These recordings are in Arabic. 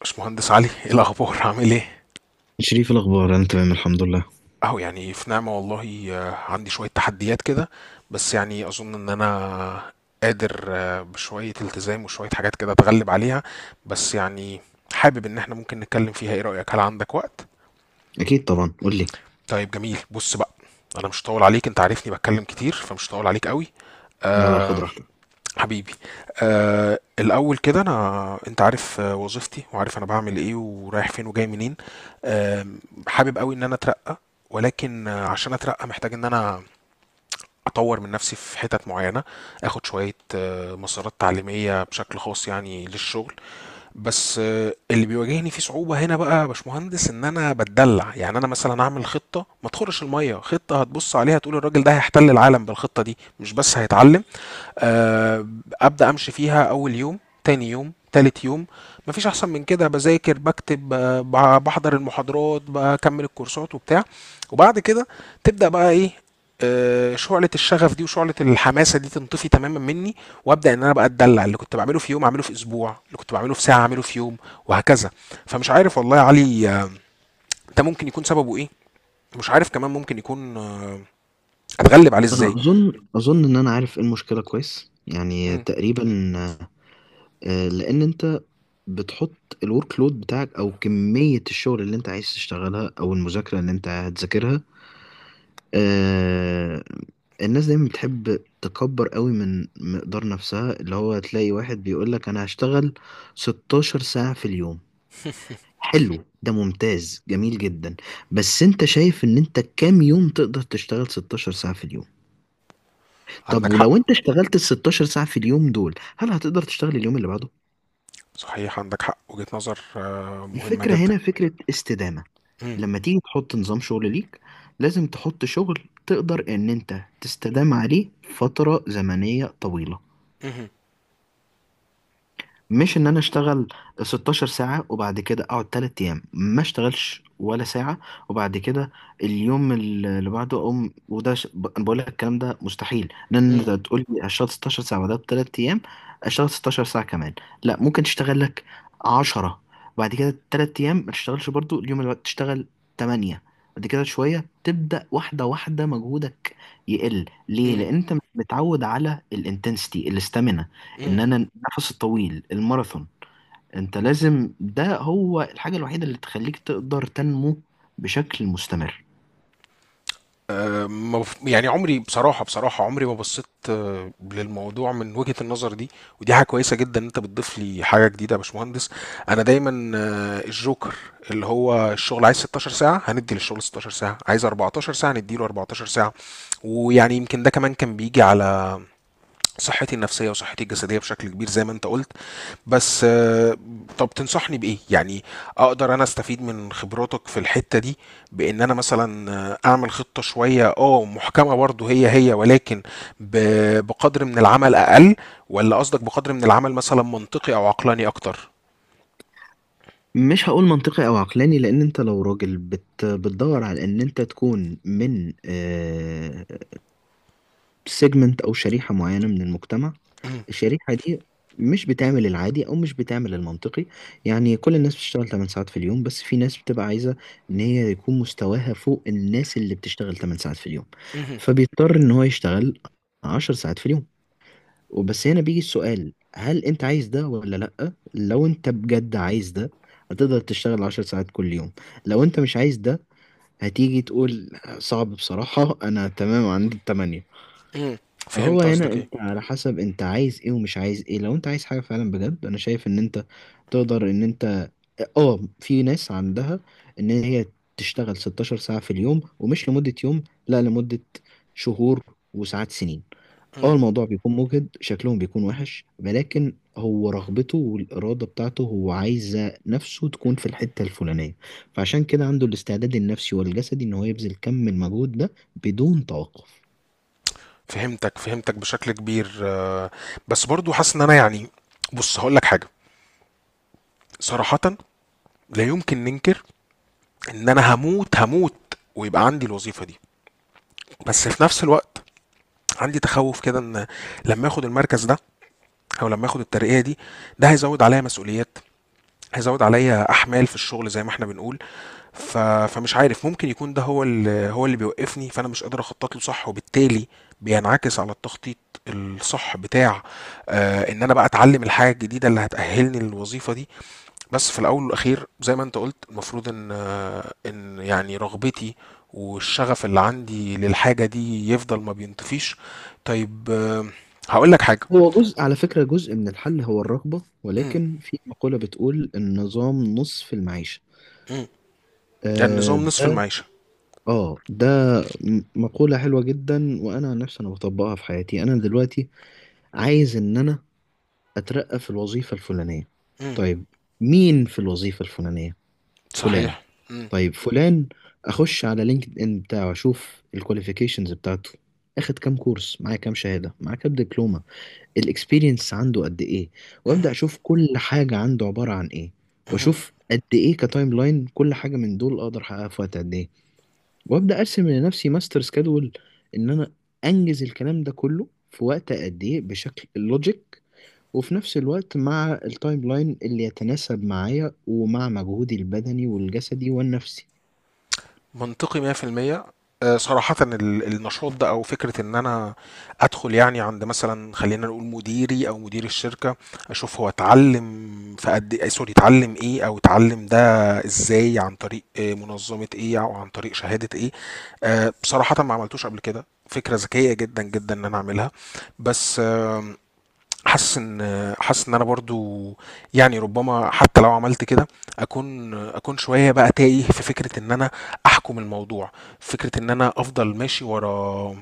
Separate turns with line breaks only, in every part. باشمهندس علي، ايه الاخبار؟ عامل ايه؟
شريف، الأخبار؟ أنا تمام الحمد لله.
اهو يعني في نعمة والله. عندي شوية تحديات كده. بس يعني اظن ان انا قادر، بشوية التزام وشوية حاجات كده اتغلب عليها. بس يعني حابب ان احنا ممكن نتكلم فيها. ايه رأيك؟ هل عندك وقت؟
اكيد طبعا، قول لي.
طيب جميل. بص بقى، انا مش هطول عليك، انت عارفني بتكلم كتير فمش هطول عليك قوي.
لا لا، خد راحتك.
حبيبي. الاول كده انا انت عارف، وظيفتي وعارف انا بعمل ايه ورايح فين وجاي منين. آه حابب قوي ان انا اترقى. ولكن عشان اترقى محتاج ان انا اطور من نفسي في حتت معينه، اخد شويه مسارات تعليميه بشكل خاص يعني للشغل. بس اللي بيواجهني فيه صعوبه هنا بقى يا باشمهندس ان انا بتدلع. يعني انا مثلا اعمل خطه ما تخرش الميه، خطه هتبص عليها تقول الراجل ده هيحتل العالم بالخطه دي مش بس هيتعلم. آه، ابدا امشي فيها اول يوم، تاني يوم، تالت يوم، مفيش احسن من كده، بذاكر، بكتب، بحضر المحاضرات، بكمل الكورسات وبتاع. وبعد كده تبدا بقى ايه؟ شعلة الشغف دي وشعلة الحماسة دي تنطفي تماما مني. وابدا ان انا بقى اتدلع، اللي كنت بعمله في يوم اعمله في اسبوع، اللي كنت بعمله في ساعة اعمله في يوم، وهكذا. فمش عارف والله يا علي، ده ممكن يكون سببه ايه، مش عارف كمان ممكن يكون اتغلب عليه
انا
ازاي.
اظن ان انا عارف ايه المشكله كويس، يعني
مم،
تقريبا. لان انت بتحط الورك لود بتاعك او كميه الشغل اللي انت عايز تشتغلها او المذاكره اللي انت هتذاكرها. آه، الناس دايما بتحب تكبر قوي من مقدار نفسها، اللي هو تلاقي واحد بيقول لك انا هشتغل 16 ساعه في اليوم. حلو، ده ممتاز جميل جدا. بس انت شايف ان انت كام يوم تقدر تشتغل 16 ساعة في اليوم؟ طب
عندك
ولو
حق.
انت اشتغلت ال 16 ساعة في اليوم دول هل هتقدر تشتغل اليوم اللي بعده؟
صحيح عندك حق، وجهة نظر مهمة
الفكرة
جدا.
هنا فكرة استدامة.
مم.
لما تيجي تحط نظام شغل ليك لازم تحط شغل تقدر ان انت تستدام عليه فترة زمنية طويلة.
مم.
مش ان انا اشتغل 16 ساعة وبعد كده اقعد 3 ايام ما اشتغلش ولا ساعة، وبعد كده اليوم اللي بعده اقوم أنا بقول لك الكلام ده مستحيل. لان
مم.
انت تقول لي اشتغل 16 ساعة، وده بثلاث ايام اشتغل 16 ساعة كمان؟ لا، ممكن تشتغل لك 10، بعد كده 3 ايام ما تشتغلش، برضو اليوم اللي بعده تشتغل 8، بعد كده شوية تبدأ واحدة واحدة مجهودك يقل. ليه؟
مم.
لأن أنت مش متعود على الانتنسيتي الاستامينا،
مم.
ان انا النفس الطويل الماراثون. انت لازم، ده هو الحاجة الوحيدة اللي تخليك تقدر تنمو بشكل مستمر.
آه، ما بف- يعني عمري بصراحة، بصراحة عمري ما بصيت للموضوع من وجهة النظر دي. ودي حاجة كويسة جدا ان انت بتضيف لي حاجة جديدة يا باشمهندس. انا دايما الجوكر، اللي هو الشغل عايز 16 ساعة هندي للشغل 16 ساعة، عايز 14 ساعة نديله 14 ساعة. ويعني يمكن ده كمان كان بيجي على صحتي النفسية وصحتي الجسدية بشكل كبير زي ما انت قلت. بس طب تنصحني بإيه؟ يعني أقدر أنا أستفيد من خبراتك في الحتة دي، بإن أنا مثلا أعمل خطة شوية محكمة برضه، هي هي ولكن بقدر من العمل أقل. ولا قصدك بقدر من العمل مثلا منطقي أو عقلاني أكتر؟
مش هقول منطقي او عقلاني، لان انت لو راجل بتدور على ان انت تكون من سيجمنت او شريحه معينه من المجتمع، الشريحه دي مش بتعمل العادي او مش بتعمل المنطقي. يعني كل الناس بتشتغل 8 ساعات في اليوم، بس في ناس بتبقى عايزه ان هي يكون مستواها فوق الناس اللي بتشتغل 8 ساعات في اليوم.
مهم.
فبيضطر ان هو يشتغل 10 ساعات في اليوم. وبس هنا بيجي السؤال، هل انت عايز ده ولا لا؟ لو انت بجد عايز ده هتقدر تشتغل 10 ساعات كل يوم. لو انت مش عايز ده هتيجي تقول صعب بصراحة، انا تمام عندي التمانية.
مم.
هو
فهمت
هنا
قصدك إيه؟
انت على حسب انت عايز ايه ومش عايز ايه. لو انت عايز حاجة فعلا بجد انا شايف ان انت تقدر ان انت في ناس عندها ان هي تشتغل 16 ساعة في اليوم، ومش لمدة يوم، لا لمدة شهور وساعات سنين. اه،
مم.
الموضوع بيكون مجهد، شكلهم بيكون وحش، ولكن هو رغبته والإرادة بتاعته هو عايزة نفسه تكون في الحتة الفلانية. فعشان كده عنده الاستعداد النفسي والجسدي ان هو يبذل كم من المجهود ده بدون توقف.
فهمتك، فهمتك بشكل كبير، بس برضو حاسس ان انا يعني، بص هقول لك حاجه. صراحه، لا يمكن ننكر ان انا هموت هموت ويبقى عندي الوظيفه دي. بس في نفس الوقت عندي تخوف كده ان لما اخد المركز ده، او لما اخد الترقية دي، ده هيزود عليا مسؤوليات، هيزود عليا احمال في الشغل زي ما احنا بنقول. فمش عارف، ممكن يكون ده هو اللي بيوقفني، فانا مش قادر اخطط له صح وبالتالي بينعكس على التخطيط الصح بتاع ان انا بقى اتعلم الحاجة الجديدة اللي هتأهلني للوظيفة دي. بس في الاول والاخير زي ما انت قلت المفروض ان يعني رغبتي والشغف اللي عندي للحاجه دي يفضل ما بينطفيش. طيب هقول لك حاجه.
هو جزء، على فكرة جزء من الحل هو الرغبة،
مم،
ولكن في مقولة بتقول النظام نصف المعيشة.
مم.
آه
النظام نصف
ده
المعيشه.
اه ده مقولة حلوة جدا. وانا عن نفسي انا بطبقها في حياتي. انا دلوقتي عايز ان انا اترقى في الوظيفة الفلانية.
مم،
طيب، مين في الوظيفة الفلانية؟ فلان.
صحيح. مم،
طيب فلان، اخش على لينكد ان بتاعه، اشوف الكواليفيكيشنز بتاعته، اخد كام كورس معاه، كام شهادة معاه، كام دبلومة، الاكسبيرينس عنده قد ايه، وابدا
مهم،
اشوف كل حاجه عنده عباره عن ايه.
مهم.
واشوف قد ايه كتايم لاين كل حاجه من دول اقدر احققها في وقت قد ايه. وابدا ارسم لنفسي ماستر سكادول ان انا انجز الكلام ده كله في وقت قد ايه بشكل لوجيك، وفي نفس الوقت مع التايم لاين اللي يتناسب معايا ومع مجهودي البدني والجسدي والنفسي.
منطقي 100%. صراحة النشاط ده أو فكرة إن أنا أدخل يعني عند مثلا، خلينا نقول مديري أو مدير الشركة، أشوف هو اتعلم في قد إيه، سوري اتعلم إيه أو اتعلم ده إزاي، عن طريق منظمة إيه أو عن طريق شهادة إيه. بصراحة ما عملتوش قبل كده، فكرة ذكية جدا جدا إن أنا أعملها. بس حاسس ان انا برضو يعني، ربما حتى لو عملت كده اكون، شويه بقى تايه في فكره ان انا احكم الموضوع، فكره ان انا افضل ماشي ورا،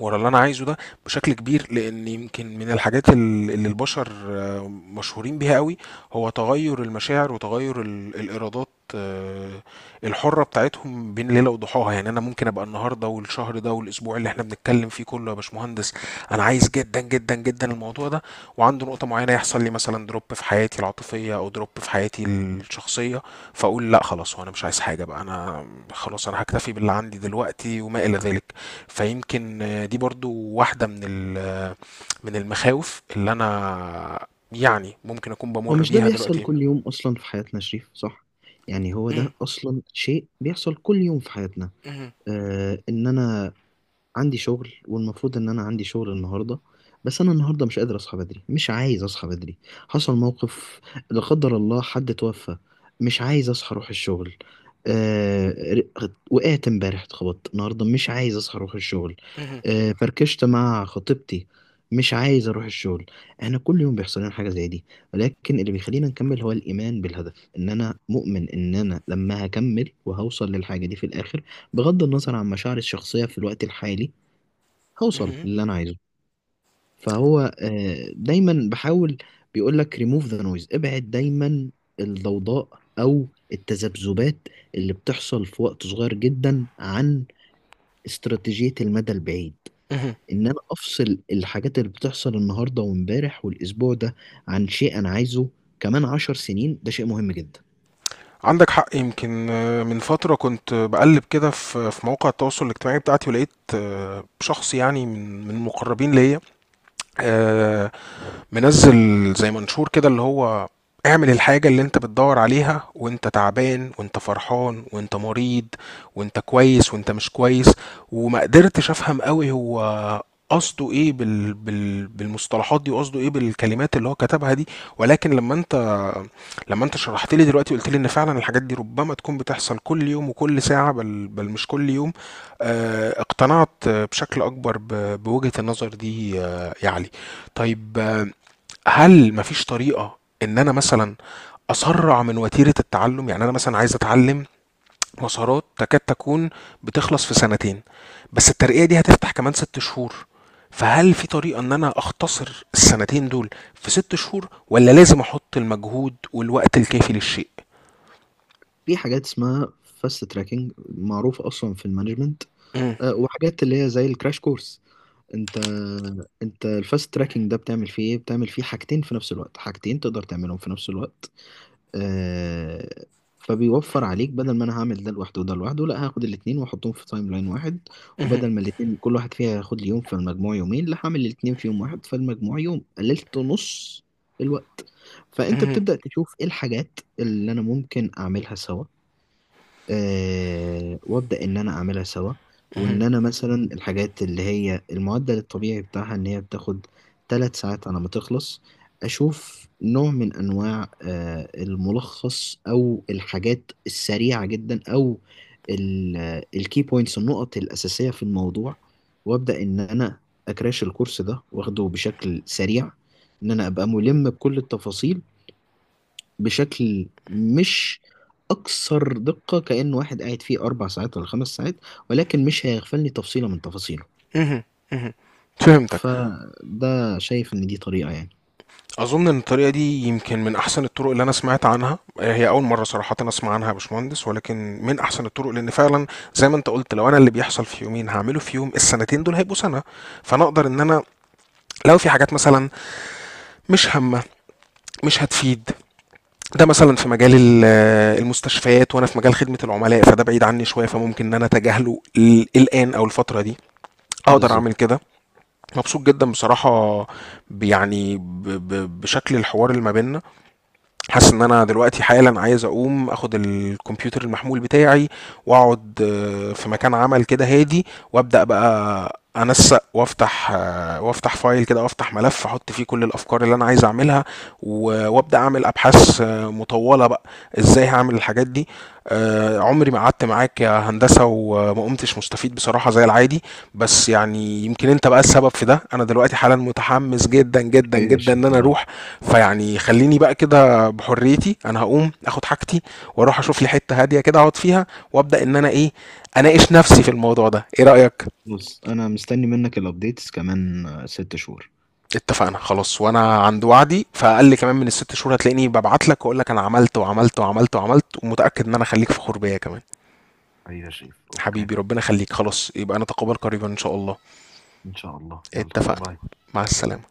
اللي انا عايزه ده بشكل كبير. لان يمكن من الحاجات اللي البشر مشهورين بيها قوي هو تغير المشاعر وتغير الارادات آه، الحرة بتاعتهم بين ليلة وضحاها. يعني انا ممكن ابقى النهاردة والشهر ده والاسبوع اللي احنا بنتكلم فيه كله يا باشمهندس انا عايز جدا جدا جدا الموضوع ده، وعنده نقطة معينة يحصل لي مثلا دروب في حياتي العاطفية او دروب في حياتي الشخصية فاقول لا خلاص وانا مش عايز حاجة بقى، انا خلاص انا هكتفي باللي عندي دلوقتي وما الى ذلك. فيمكن دي برضو واحدة من من المخاوف اللي أنا يعني ممكن أكون
هو
بمر
مش ده
بيها
بيحصل
دلوقتي.
كل يوم اصلا في حياتنا يا شريف؟ صح، يعني هو
مم.
ده اصلا شيء بيحصل كل يوم في حياتنا.
مم.
ان انا عندي شغل، والمفروض ان انا عندي شغل النهارده، بس انا النهارده مش قادر اصحى بدري، مش عايز اصحى بدري. حصل موقف، لا قدر الله حد توفى، مش عايز اصحى اروح الشغل. آه وقعت امبارح، اتخبطت النهارده مش عايز اصحى اروح الشغل.
مم.
فركشت مع خطيبتي، مش عايز اروح الشغل. احنا كل يوم بيحصل لنا حاجه زي دي، ولكن اللي بيخلينا نكمل هو الايمان بالهدف. ان انا مؤمن ان انا لما هكمل وهوصل للحاجه دي في الاخر، بغض النظر عن مشاعري الشخصيه في الوقت الحالي، هوصل
مم.
للي انا عايزه. فهو دايما بحاول، بيقول لك ريموف ذا نويز، ابعد دايما الضوضاء او التذبذبات اللي بتحصل في وقت صغير جدا عن استراتيجية المدى البعيد.
مم.
ان انا افصل الحاجات اللي بتحصل النهاردة وامبارح والاسبوع ده عن شيء انا عايزه كمان عشر سنين، ده شيء مهم جدا.
عندك حق يمكن، من فترة كنت بقلب كده في مواقع التواصل الاجتماعي بتاعتي ولقيت شخص يعني من المقربين ليا، آه، منزل زي منشور كده اللي هو: اعمل الحاجة اللي انت بتدور عليها وانت تعبان وانت فرحان وانت مريض وانت كويس وانت مش كويس. وما قدرتش افهم قوي هو قصده ايه بالمصطلحات دي وقصده ايه بالكلمات اللي هو كتبها دي. ولكن لما انت، شرحت لي دلوقتي وقلت لي ان فعلا الحاجات دي ربما تكون بتحصل كل يوم وكل ساعة، بل مش كل يوم، اقتنعت بشكل اكبر بوجهة النظر دي يا علي. طيب هل مفيش طريقة إن أنا مثلًا أسرّع من وتيرة التعلُّم؟ يعني أنا مثلًا عايز أتعلِّم مسارات تكاد تكون بتخلص في سنتين، بس الترقية دي هتفتح كمان 6 شهور، فهل في طريقة إن أنا أختصر السنتين دول في 6 شهور والّا لازم أحُط المجهود والوقت الكافي للشيء؟
في حاجات اسمها فاست تراكنج معروفة اصلا في المانجمنت،
إمم،
وحاجات اللي هي زي الكراش كورس. انت انت الفاست تراكنج ده بتعمل فيه ايه؟ بتعمل فيه حاجتين في نفس الوقت، حاجتين تقدر تعملهم في نفس الوقت. آه فبيوفر عليك، بدل ما انا هعمل ده لوحده وده لوحده، لا هاخد الاتنين واحطهم في تايم لاين واحد.
اهم،
وبدل ما الاتنين كل واحد فيها هياخد لي يوم فالمجموع يومين، لا هعمل الاتنين في يوم واحد فالمجموع يوم، قللت نص الوقت. فانت
اهم،
بتبدأ تشوف ايه الحاجات اللي انا ممكن اعملها سوا. وابدا ان انا اعملها سوا.
اهم،
وان انا مثلا الحاجات اللي هي المعدل الطبيعي بتاعها ان هي بتاخد ثلاث ساعات على ما تخلص، اشوف نوع من انواع الملخص او الحاجات السريعه جدا او الكي بوينتس النقط الاساسيه في الموضوع، وابدا ان انا اكراش الكورس ده واخده بشكل سريع، ان انا ابقى ملم بكل التفاصيل بشكل مش أكثر دقة كأن واحد قاعد فيه أربع ساعات ولا خمس ساعات، ولكن مش هيغفلني تفصيلة من تفاصيله.
اهم، اهم، فهمتك.
فده شايف إن دي طريقة، يعني.
اظن ان الطريقه دي يمكن من احسن الطرق اللي انا سمعت عنها، هي اول مره صراحه انا اسمع عنها يا باشمهندس، ولكن من احسن الطرق لان فعلا زي ما انت قلت لو انا اللي بيحصل في يومين هعمله في يوم السنتين دول هيبقوا سنه. فانا اقدر ان انا لو في حاجات مثلا مش هامه مش هتفيد، ده مثلا في مجال المستشفيات وانا في مجال خدمه العملاء فده بعيد عني شويه، فممكن ان انا اتجاهله الان او الفتره دي، اقدر اعمل
بالظبط.
كده. مبسوط جدا بصراحه، بشكل الحوار اللي ما بيننا. حاسس ان انا دلوقتي حالا عايز اقوم اخد الكمبيوتر المحمول بتاعي، واقعد في مكان عمل كده هادي، وابدا بقى انسق وافتح، وافتح فايل كده وافتح ملف احط فيه كل الافكار اللي انا عايز اعملها، وابدا اعمل ابحاث مطوله بقى ازاي هعمل الحاجات دي. عمري ما قعدت معاك يا هندسه وما قمتش مستفيد بصراحه زي العادي. بس يعني يمكن انت بقى السبب في ده، انا دلوقتي حالا متحمس جدا جدا
حبيبي يا
جدا ان
شريف
انا
والله.
اروح. فيعني خليني بقى كده بحريتي، انا هقوم اخد حاجتي واروح اشوف لي حته هاديه كده اقعد فيها وابدا ان انا ايه، اناقش نفسي في الموضوع ده. ايه رايك؟
بص، أنا مستني منك الأبديتس كمان ست شهور.
اتفقنا خلاص، وانا عند وعدي، فاقل كمان من الست شهور هتلاقيني ببعت لك واقول لك انا عملت وعملت وعملت وعملت ومتاكد ان انا خليك فخور بيا كمان.
حبيبي يا شريف، اوكي.
حبيبي ربنا يخليك. خلاص يبقى نتقابل قريبا ان شاء الله.
ان شاء الله، يلا
اتفقنا.
باي.
مع السلامه.